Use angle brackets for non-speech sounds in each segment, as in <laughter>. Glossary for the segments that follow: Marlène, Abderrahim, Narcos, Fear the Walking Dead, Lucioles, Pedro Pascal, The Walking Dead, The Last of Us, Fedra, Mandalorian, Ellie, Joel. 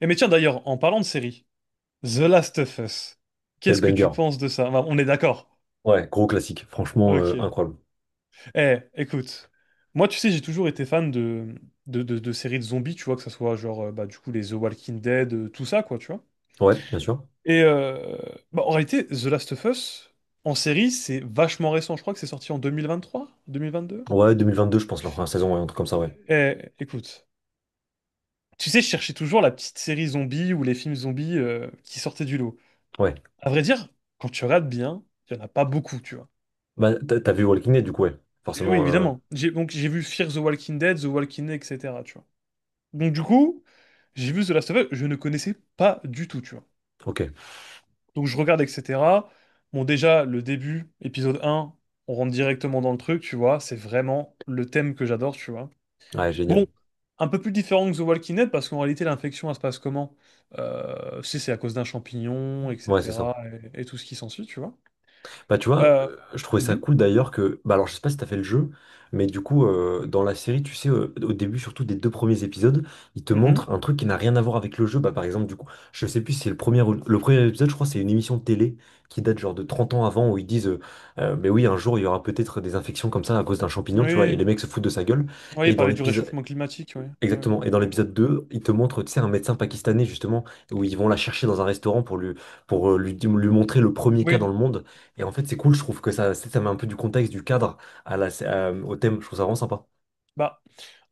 Eh mais tiens d'ailleurs, en parlant de série, The Last of Us, Quel qu'est-ce que tu banger. penses de ça? Enfin, on est d'accord. Ouais, gros classique. Franchement, Ok. incroyable. Eh, écoute, moi tu sais, j'ai toujours été fan de séries de zombies, tu vois, que ça soit genre bah, du coup les The Walking Dead, tout ça, quoi, tu vois. Ouais, bien sûr. Et bah, en réalité, The Last of Us, en série, c'est vachement récent. Je crois que c'est sorti en deux deux mille mille vingt trois, vingt deux. Mille vingt-deux. Ouais, 2022, je pense, la première saison, ouais, un truc comme ça, ouais. Eh, écoute, tu sais, je cherchais toujours la petite série zombie ou les films zombies qui sortaient du lot. Ouais. À vrai dire, quand tu regardes bien, il n'y en a pas beaucoup, tu vois. Bah, t'as vu Walking Dead, du coup, ouais. Et oui, Forcément, évidemment. J'ai donc j'ai vu Fear the Walking Dead, The Walking Dead, etc. Tu vois. Donc du coup, j'ai vu The Last of Us, je ne connaissais pas du tout, tu vois. ok. Donc je regarde, etc. Bon, déjà, le début, épisode un. On rentre directement dans le truc, tu vois. C'est vraiment le thème que j'adore, tu vois. Ouais, génial. Bon, un peu plus différent que The Walking Dead, parce qu'en réalité, l'infection, elle se passe comment? C'est à cause d'un champignon, Ouais, c'est ça. etc. Et tout ce qui s'ensuit, tu vois. Bah tu vois, Euh, je trouvais ça mhm, cool d'ailleurs que... Bah alors je sais pas si t'as fait le jeu, mais du coup dans la série, tu sais, au début surtout des deux premiers épisodes, ils te mhm. montrent un truc qui n'a rien à voir avec le jeu. Bah par exemple du coup, je sais plus si c'est le premier, le premier épisode, je crois c'est une émission de télé qui date genre de 30 ans avant où ils disent, mais oui un jour il y aura peut-être des infections comme ça à cause d'un champignon, tu vois, et Oui, les mecs se foutent de sa gueule. oui, Et il dans parlait du l'épisode, réchauffement climatique, oui. Oui. Exactement. Et dans l'épisode 2, il te montre, tu sais, un médecin pakistanais, justement, où ils vont la chercher dans un restaurant pour lui, pour lui montrer le premier Oui. cas dans Oui. le monde. Et en fait, c'est cool, je trouve que ça met un peu du contexte, du cadre au thème. Je trouve ça vraiment sympa. Bah,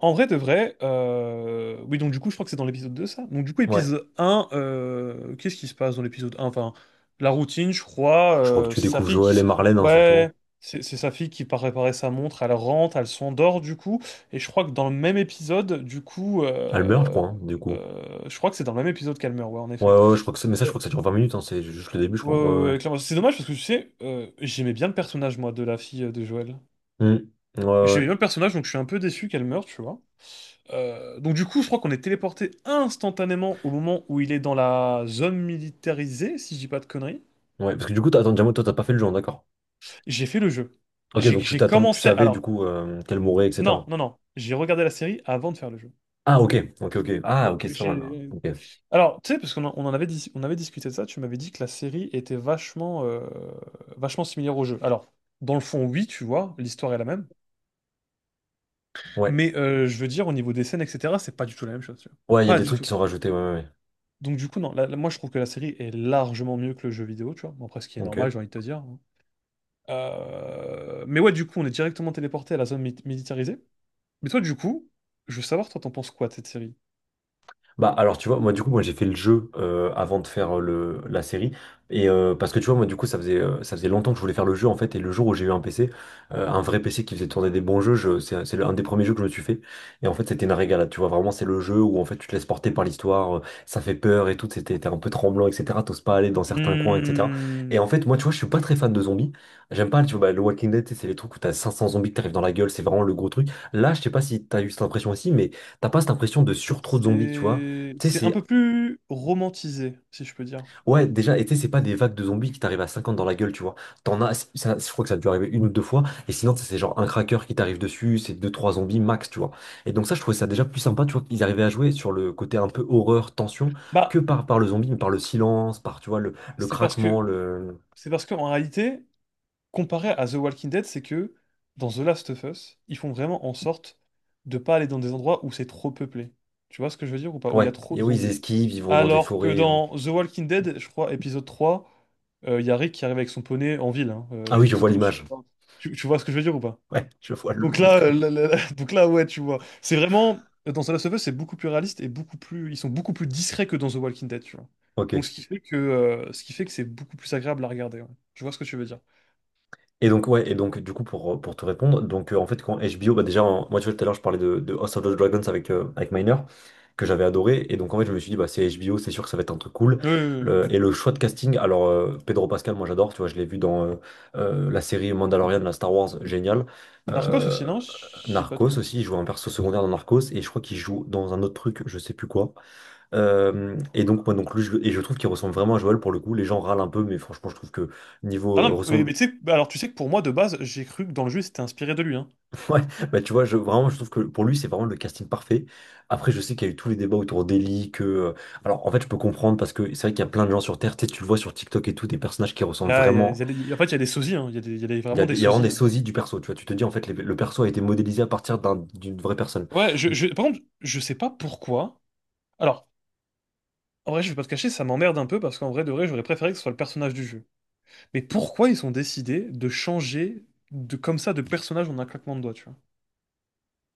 en vrai de vrai, oui, donc du coup, je crois que c'est dans l'épisode 2, ça. Donc du coup, Ouais. épisode un. Qu'est-ce qui se passe dans l'épisode un? Enfin, la routine, je crois, Je crois que tu c'est sa découvres fille Joël et qui... Marlène, hein, surtout, hein. Ouais, c'est sa fille qui part réparer sa montre, elle rentre, elle s'endort, du coup, et je crois que dans le même épisode, du coup... Elle meurt, je crois, hein, du coup. Je crois que c'est dans le même épisode qu'Almer, ouais, en Ouais, effet. ouais, je crois que ça, mais ça, je Euh, crois que ça dure 20 minutes, hein, c'est juste le début, je ouais, crois. ouais, Ouais, ouais. ouais, clairement. C'est dommage parce que, tu sais, j'aimais bien le personnage, moi, de la fille de Joël. Hmm. Ouais, ouais. J'aimais bien le personnage, donc je suis un peu déçu qu'elle meure, tu vois. Donc du coup, je crois qu'on est téléporté instantanément au moment où il est dans la zone militarisée, si je dis pas de conneries. Ouais, parce que du coup, attends, Diamo, toi, t'as pas fait le jeu, hein, d'accord. J'ai fait le jeu. Ok, J'ai donc tu j'ai t'attends, tu commencé... savais, du Alors, coup, qu'elle mourrait, non, etc. non, non. J'ai regardé la série avant de faire le jeu. Ah, ok, ok, ok. Ah, ok, c'est pas mal, là. J'ai- Ok. Alors, tu sais, parce qu'on en avait, on avait discuté de ça, tu m'avais dit que la série était vachement, vachement similaire au jeu. Alors, dans le fond, oui, tu vois, l'histoire est la même. Ouais. Mais je veux dire, au niveau des scènes, etc., c'est pas du tout la même chose, tu vois. Ouais, il y a Pas des du trucs qui tout. sont rajoutés, ouais, ouais, ouais. Donc du coup, non, moi je trouve que la série est largement mieux que le jeu vidéo, tu vois. Bon, après, ce qui est normal, Ok. j'ai envie de te dire, hein. Mais ouais, du coup, on est directement téléporté à la zone militarisée. Mais toi, du coup, je veux savoir, toi, t'en penses quoi de cette série? Bah alors tu vois moi du coup moi j'ai fait le jeu avant de faire le la série et parce que tu vois moi du coup ça faisait longtemps que je voulais faire le jeu en fait. Et le jour où j'ai eu un PC, un vrai PC qui faisait tourner des bons jeux, c'est un des premiers jeux que je me suis fait. Et en fait c'était une régalade, tu vois, vraiment c'est le jeu où en fait tu te laisses porter par l'histoire, ça fait peur et tout, c'était, t'es un peu tremblant, etc. T'oses pas aller dans certains coins, etc. Et Hmm. en fait moi tu vois je suis pas très fan de zombies, j'aime pas, tu vois, bah, le Walking Dead, tu sais, c'est les trucs où t'as 500 zombies qui t'arrivent dans la gueule, c'est vraiment le gros truc là, je sais pas si t'as eu cette impression aussi, mais t'as pas cette impression de surtrop de zombies, tu vois. Tu sais, C'est un peu c'est. plus romantisé, si je peux dire. Ouais, déjà, et tu sais, c'est pas des vagues de zombies qui t'arrivent à 50 dans la gueule, tu vois. T'en as. Ça, je crois que ça a dû arriver une ou deux fois. Et sinon, tu sais, c'est genre un cracker qui t'arrive dessus, c'est deux, trois zombies max, tu vois. Et donc, ça, je trouvais ça déjà plus sympa, tu vois, qu'ils arrivaient à jouer sur le côté un peu horreur, tension, Bah, que par le zombie, mais par le silence, par, tu vois, le c'est parce craquement, que le. c'est parce qu'en réalité, comparé à The Walking Dead, c'est que dans The Last of Us, ils font vraiment en sorte de pas aller dans des endroits où c'est trop peuplé. Tu vois ce que je veux dire ou pas? Où il y a Ouais. trop Et de oui, ils zombies. esquivent, ils vont dans des Alors que forêts. Dans The Walking Dead, je crois, épisode 3, il y a Rick qui arrive avec son poney en ville, hein, Ah oui, et je qui vois tombe sur... l'image. Tu vois ce que je veux dire ou pas? Ouais, je vois le, Donc le là, screen. <laughs> Donc là, ouais, tu vois. C'est vraiment... Dans The Last of Us, c'est beaucoup plus réaliste et beaucoup plus... Ils sont beaucoup plus discrets que dans The Walking Dead, tu vois. Ok. Donc ce qui fait que, ce qui fait que c'est beaucoup plus agréable à regarder, ouais. Je vois ce que tu veux dire. Et donc, ouais, et donc, du coup, pour te répondre, donc, en fait, quand HBO, bah, déjà, moi, tu vois, tout à l'heure, je parlais de House of the Dragons avec, avec Miner, que j'avais adoré, et donc, en fait, je me suis dit, bah, c'est HBO, c'est sûr que ça va être un truc cool. Le- Oui, et le choix de casting, alors, Pedro Pascal, moi, j'adore, tu vois, je l'ai vu dans la série Mandalorian, la Star Wars, génial. Narcos Euh, aussi, non? Je dis pas de Narcos conneries. aussi, il joue un perso secondaire dans Narcos, et je crois qu'il joue dans un autre truc, je sais plus quoi. Et donc, moi, donc, lui, et je trouve qu'il ressemble vraiment à Joel pour le coup, les gens râlent un peu, mais franchement, je trouve que niveau Ah non, ressemble. mais tu sais, bah alors tu sais que pour moi, de base, j'ai cru que dans le jeu, c'était inspiré de lui, hein. <laughs> Ouais, bah tu vois, je, vraiment, je trouve que pour lui, c'est vraiment le casting parfait. Après, je sais qu'il y a eu tous les débats autour d'Ellie, Alors, en fait, je peux comprendre, parce que c'est vrai qu'il y a plein de gens sur Terre, tu sais, tu le vois sur TikTok et tout, des personnages qui ressemblent Il vraiment... y a en fait, il y a des sosies, hein. Il y a des- il y a des- vraiment des Il y a vraiment sosies, des hein. sosies du perso, tu vois. Tu te dis, en fait, le perso a été modélisé à partir d'une vraie personne. Ouais, par contre, je sais pas pourquoi. Alors, en vrai, je vais pas te cacher, ça m'emmerde un peu parce qu'en vrai, de vrai, j'aurais préféré que ce soit le personnage du jeu. Mais pourquoi ils ont décidé de changer de, comme ça de personnage en un claquement de doigts, tu vois?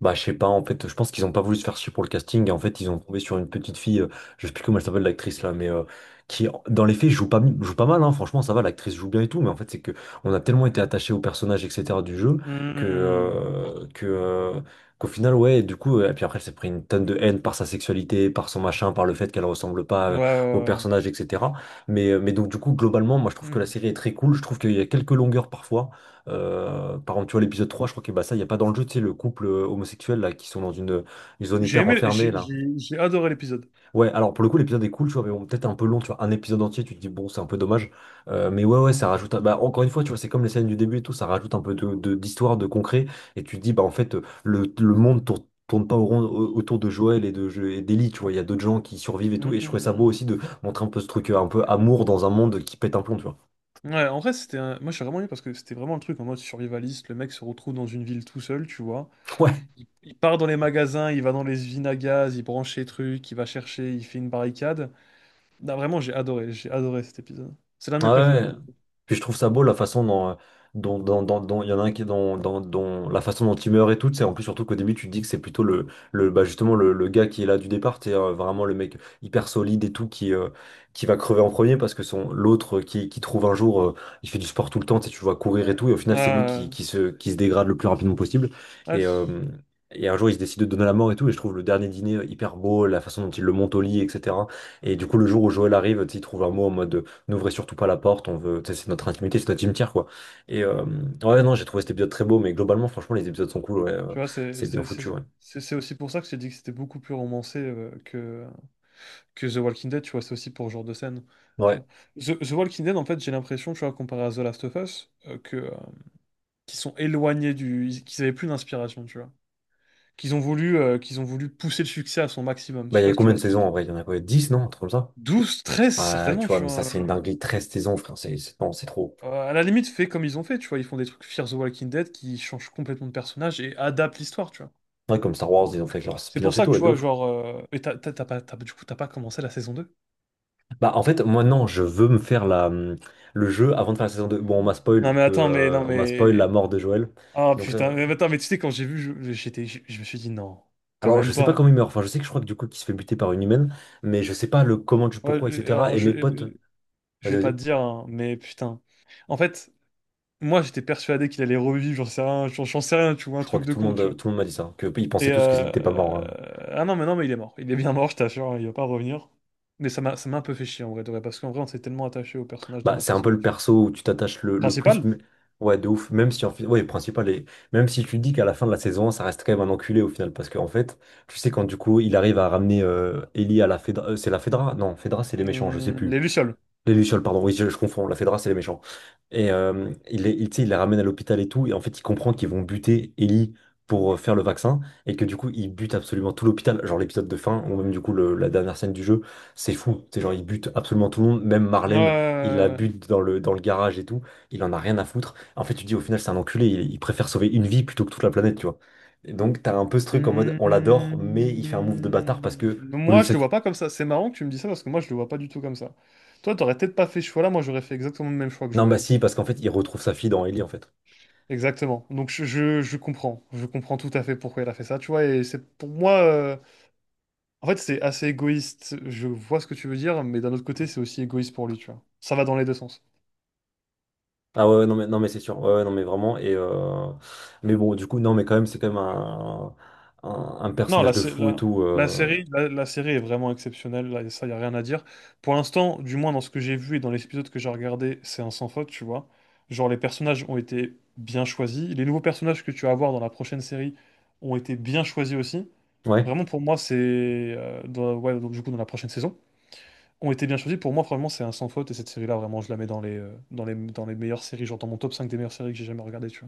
Bah, je sais pas, en fait, je pense qu'ils ont pas voulu se faire chier pour le casting, et en fait, ils ont tombé sur une petite fille, je sais plus comment elle s'appelle l'actrice là, mais qui, dans les faits, joue pas mal, hein, franchement, ça va, l'actrice joue bien et tout, mais en fait, c'est que on a tellement été attaché au personnage, etc., du jeu, que, Hmm. euh, que, euh, qu'au final, ouais, du coup, et puis après, elle s'est pris une tonne de haine par sa sexualité, par son machin, par le fait qu'elle ressemble pas Ouais, au ouais, personnage, etc. Mais donc, du coup, globalement, moi, je ouais. trouve que la Hmm. série est très cool, je trouve qu'il y a quelques longueurs parfois, par exemple, tu vois, l'épisode 3, je crois que bah, ça, il n'y a pas dans le jeu, tu sais, le couple homosexuel, là, qui sont dans une zone J'ai hyper aimé, enfermée, là. J'ai adoré l'épisode. Ouais, alors pour le coup, l'épisode est cool, tu vois, mais bon, peut-être un peu long, tu vois, un épisode entier, tu te dis, bon, c'est un peu dommage. Mais ouais, ouais, ça rajoute, bah, encore une fois, tu vois, c'est comme les scènes du début et tout, ça rajoute un peu d'histoire, de concret, et tu te dis, bah, en fait, le monde tourne, pas autour de Joël et d'Ellie, tu vois, il y a d'autres gens qui survivent et Hmm, tout, et je trouvais ça beau aussi hmm. de montrer un peu ce truc, un peu amour dans un monde qui pète un plomb, tu vois. Ouais, en vrai, c'était un... Moi, j'ai vraiment aimé parce que c'était vraiment le truc en mode survivaliste. Le mec se retrouve dans une ville tout seul, tu vois. <laughs> Ouais. Il part dans les magasins, il va dans les usines à gaz, il branche les trucs, il va chercher, il fait une barricade. Non, vraiment, j'ai adoré cet épisode. C'est l'un de Ouais. mes préférés, Ouais. pour le coup. Puis je trouve ça beau la façon dont il y en a un qui la façon dont il meurt et tout, c'est en plus surtout qu'au début tu te dis que c'est plutôt le bah justement le gars qui est là du départ, c'est vraiment le mec hyper solide et tout qui va crever en premier parce que son l'autre qui trouve un jour il fait du sport tout le temps, tu sais, tu le vois courir et tout et au final c'est lui qui, Euh, qui se qui se dégrade le plus rapidement possible ouais, ouais, et euh, c'est- Et un jour, il se décide de donner la mort et tout. Et je trouve le dernier dîner hyper beau, la façon dont il le monte au lit, etc. Et du coup, le jour où Joël arrive, tu sais, il trouve un mot en mode n'ouvrez surtout pas la porte, on veut, tu sais, c'est notre intimité, c'est notre cimetière, quoi. Et euh, ouais, non, j'ai trouvé cet épisode très beau, mais globalement, franchement, les épisodes sont cool, ouais, tu vois, c'est c'est bien c'est- foutu, c'est- ouais. C'est aussi pour ça que j'ai dit que c'était beaucoup plus romancé que The Walking Dead, tu vois. C'est aussi pour ce genre de scène, tu vois. Ouais. The Walking Dead, en fait, j'ai l'impression, tu vois, comparé à The Last of Us, qui sont éloignés du... qu'ils avaient plus d'inspiration, tu vois. Qu'ils ont voulu, qu'ils ont voulu pousser le succès à son maximum. Je Bah, sais il y pas a si tu combien vois de ce que je veux saisons en dire. vrai? Il y en a quoi? Dix non? Un truc comme ça? 12, 13 Ouais, tu certainement, vois, tu mais ça, vois. c'est une dinguerie, 13 saisons, frère, non, c'est trop. À la limite, fais comme ils ont fait, tu vois. Ils font des trucs Fear the Walking Dead qui changent complètement de personnage et adaptent l'histoire, tu vois. Ouais, comme Star Wars, ils ont fait leur C'est pour spin-off et ça tout, que tu ouais, de vois, ouf. genre, et t'as t'as- t'as pas, t'as- du coup, t'as pas commencé la saison deux? Bah, en fait, moi, non, je veux me faire le jeu avant de faire la saison deux. Bon, on m'a Non, spoil mais attends, mais. Non, on m'a spoil la mais. mort de Joël. Ah Donc, ça. putain, mais attends, mais tu sais, quand j'ai vu, j'étais, je me suis dit, non, quand Alors, je même sais pas pas. comment il meurt. Enfin, je sais que je crois que du coup, qu'il se fait buter par une humaine, mais je sais pas le comment, du Ouais, pourquoi, etc. Et mes potes, je vas-y, vais pas te vas-y. dire, hein, mais putain. En fait. Moi, j'étais persuadé qu'il allait revivre, j'en sais rien, j'en sais rien, tu vois, un Je crois truc que de con, tu vois. tout le monde m'a dit ça, que ils pensaient Et tous que n'était pas mort, hein. Ah non, mais non, mais il est mort. Il est bien mort, je t'assure, hein, il va pas revenir. Mais ça m'a un peu fait chier, en vrai, de vrai, parce qu'en vrai, on s'est tellement attaché au personnage dans Bah, la c'est un peu saison 1. le perso où tu t'attaches le plus. Principal? Ouais, de ouf. Même si en fait, ouais, le principal est, même si tu dis qu'à la fin de la saison, un, ça reste quand même un enculé au final, parce qu'en fait, tu sais quand du coup, il arrive à ramener Ellie à la Fedra, c'est la Fedra? Non, Fedra, c'est les méchants, je sais plus. Les Lucioles. Les Lucioles, pardon, oui, je confonds, la Fedra, c'est les méchants. Et tu sais, il les ramène à l'hôpital et tout, et en fait, il comprend qu'ils vont buter Ellie pour faire le vaccin, et que du coup, ils butent absolument tout l'hôpital. Genre l'épisode de fin, ou même du coup, la dernière scène du jeu, c'est fou. C'est genre, ils butent absolument tout le monde, même Marlène, il la Euh... bute dans le garage et tout, il en a rien à foutre. En fait, tu dis, au final, c'est un enculé, il préfère sauver une vie plutôt que toute la planète, tu vois. Et donc, t'as un peu ce truc en mode, on l'adore, hum, mais il fait un move de bâtard parce que, au lieu Moi, de je le vois sacrifier. pas comme ça. C'est marrant que tu me dis ça, parce que moi, je le vois pas du tout comme ça. Toi, t'aurais peut-être pas fait ce choix-là, moi, j'aurais fait exactement le même choix que Non, bah Joël. si, parce qu'en fait, il retrouve sa fille dans Ellie, en fait. Exactement. Donc je comprends. Je comprends tout à fait pourquoi elle a fait ça, tu vois. Et c'est pour moi, en fait, c'est assez égoïste. Je vois ce que tu veux dire, mais d'un autre côté, c'est aussi égoïste pour lui, tu vois. Ça va dans les deux sens. Ah ouais, ouais, non mais non mais c'est sûr. Ouais, ouais, non mais vraiment et mais bon du coup non mais quand même c'est quand même un Non, personnage de fou et tout la euh. série, la série est vraiment exceptionnelle. Là, ça, y a rien à dire. Pour l'instant, du moins dans ce que j'ai vu et dans les épisodes que j'ai regardés, c'est un sans faute, tu vois. Genre les personnages ont été bien choisis. Les nouveaux personnages que tu vas avoir dans la prochaine série ont été bien choisis aussi. Ouais. Vraiment, pour moi, c'est ouais, donc, du coup dans la prochaine saison. Ont été bien choisis. Pour moi, franchement, c'est un sans faute. Et cette série-là, vraiment, je la mets dans les meilleures séries. Genre dans mon top 5 des meilleures séries que j'ai jamais regardées, tu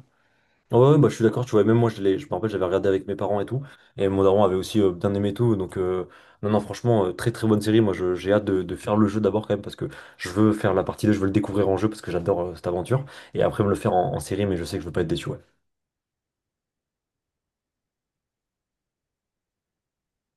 Ouais, ouais, bah je suis d'accord, tu vois même moi je me rappelle j'avais regardé avec mes parents et tout et mon daron avait aussi bien aimé et tout donc non non franchement très très bonne série moi j'ai hâte de faire le jeu d'abord quand même parce que je veux faire la partie 2 je veux le découvrir en jeu parce que j'adore cette aventure et après me le faire en série mais je sais que je veux pas être déçu ouais.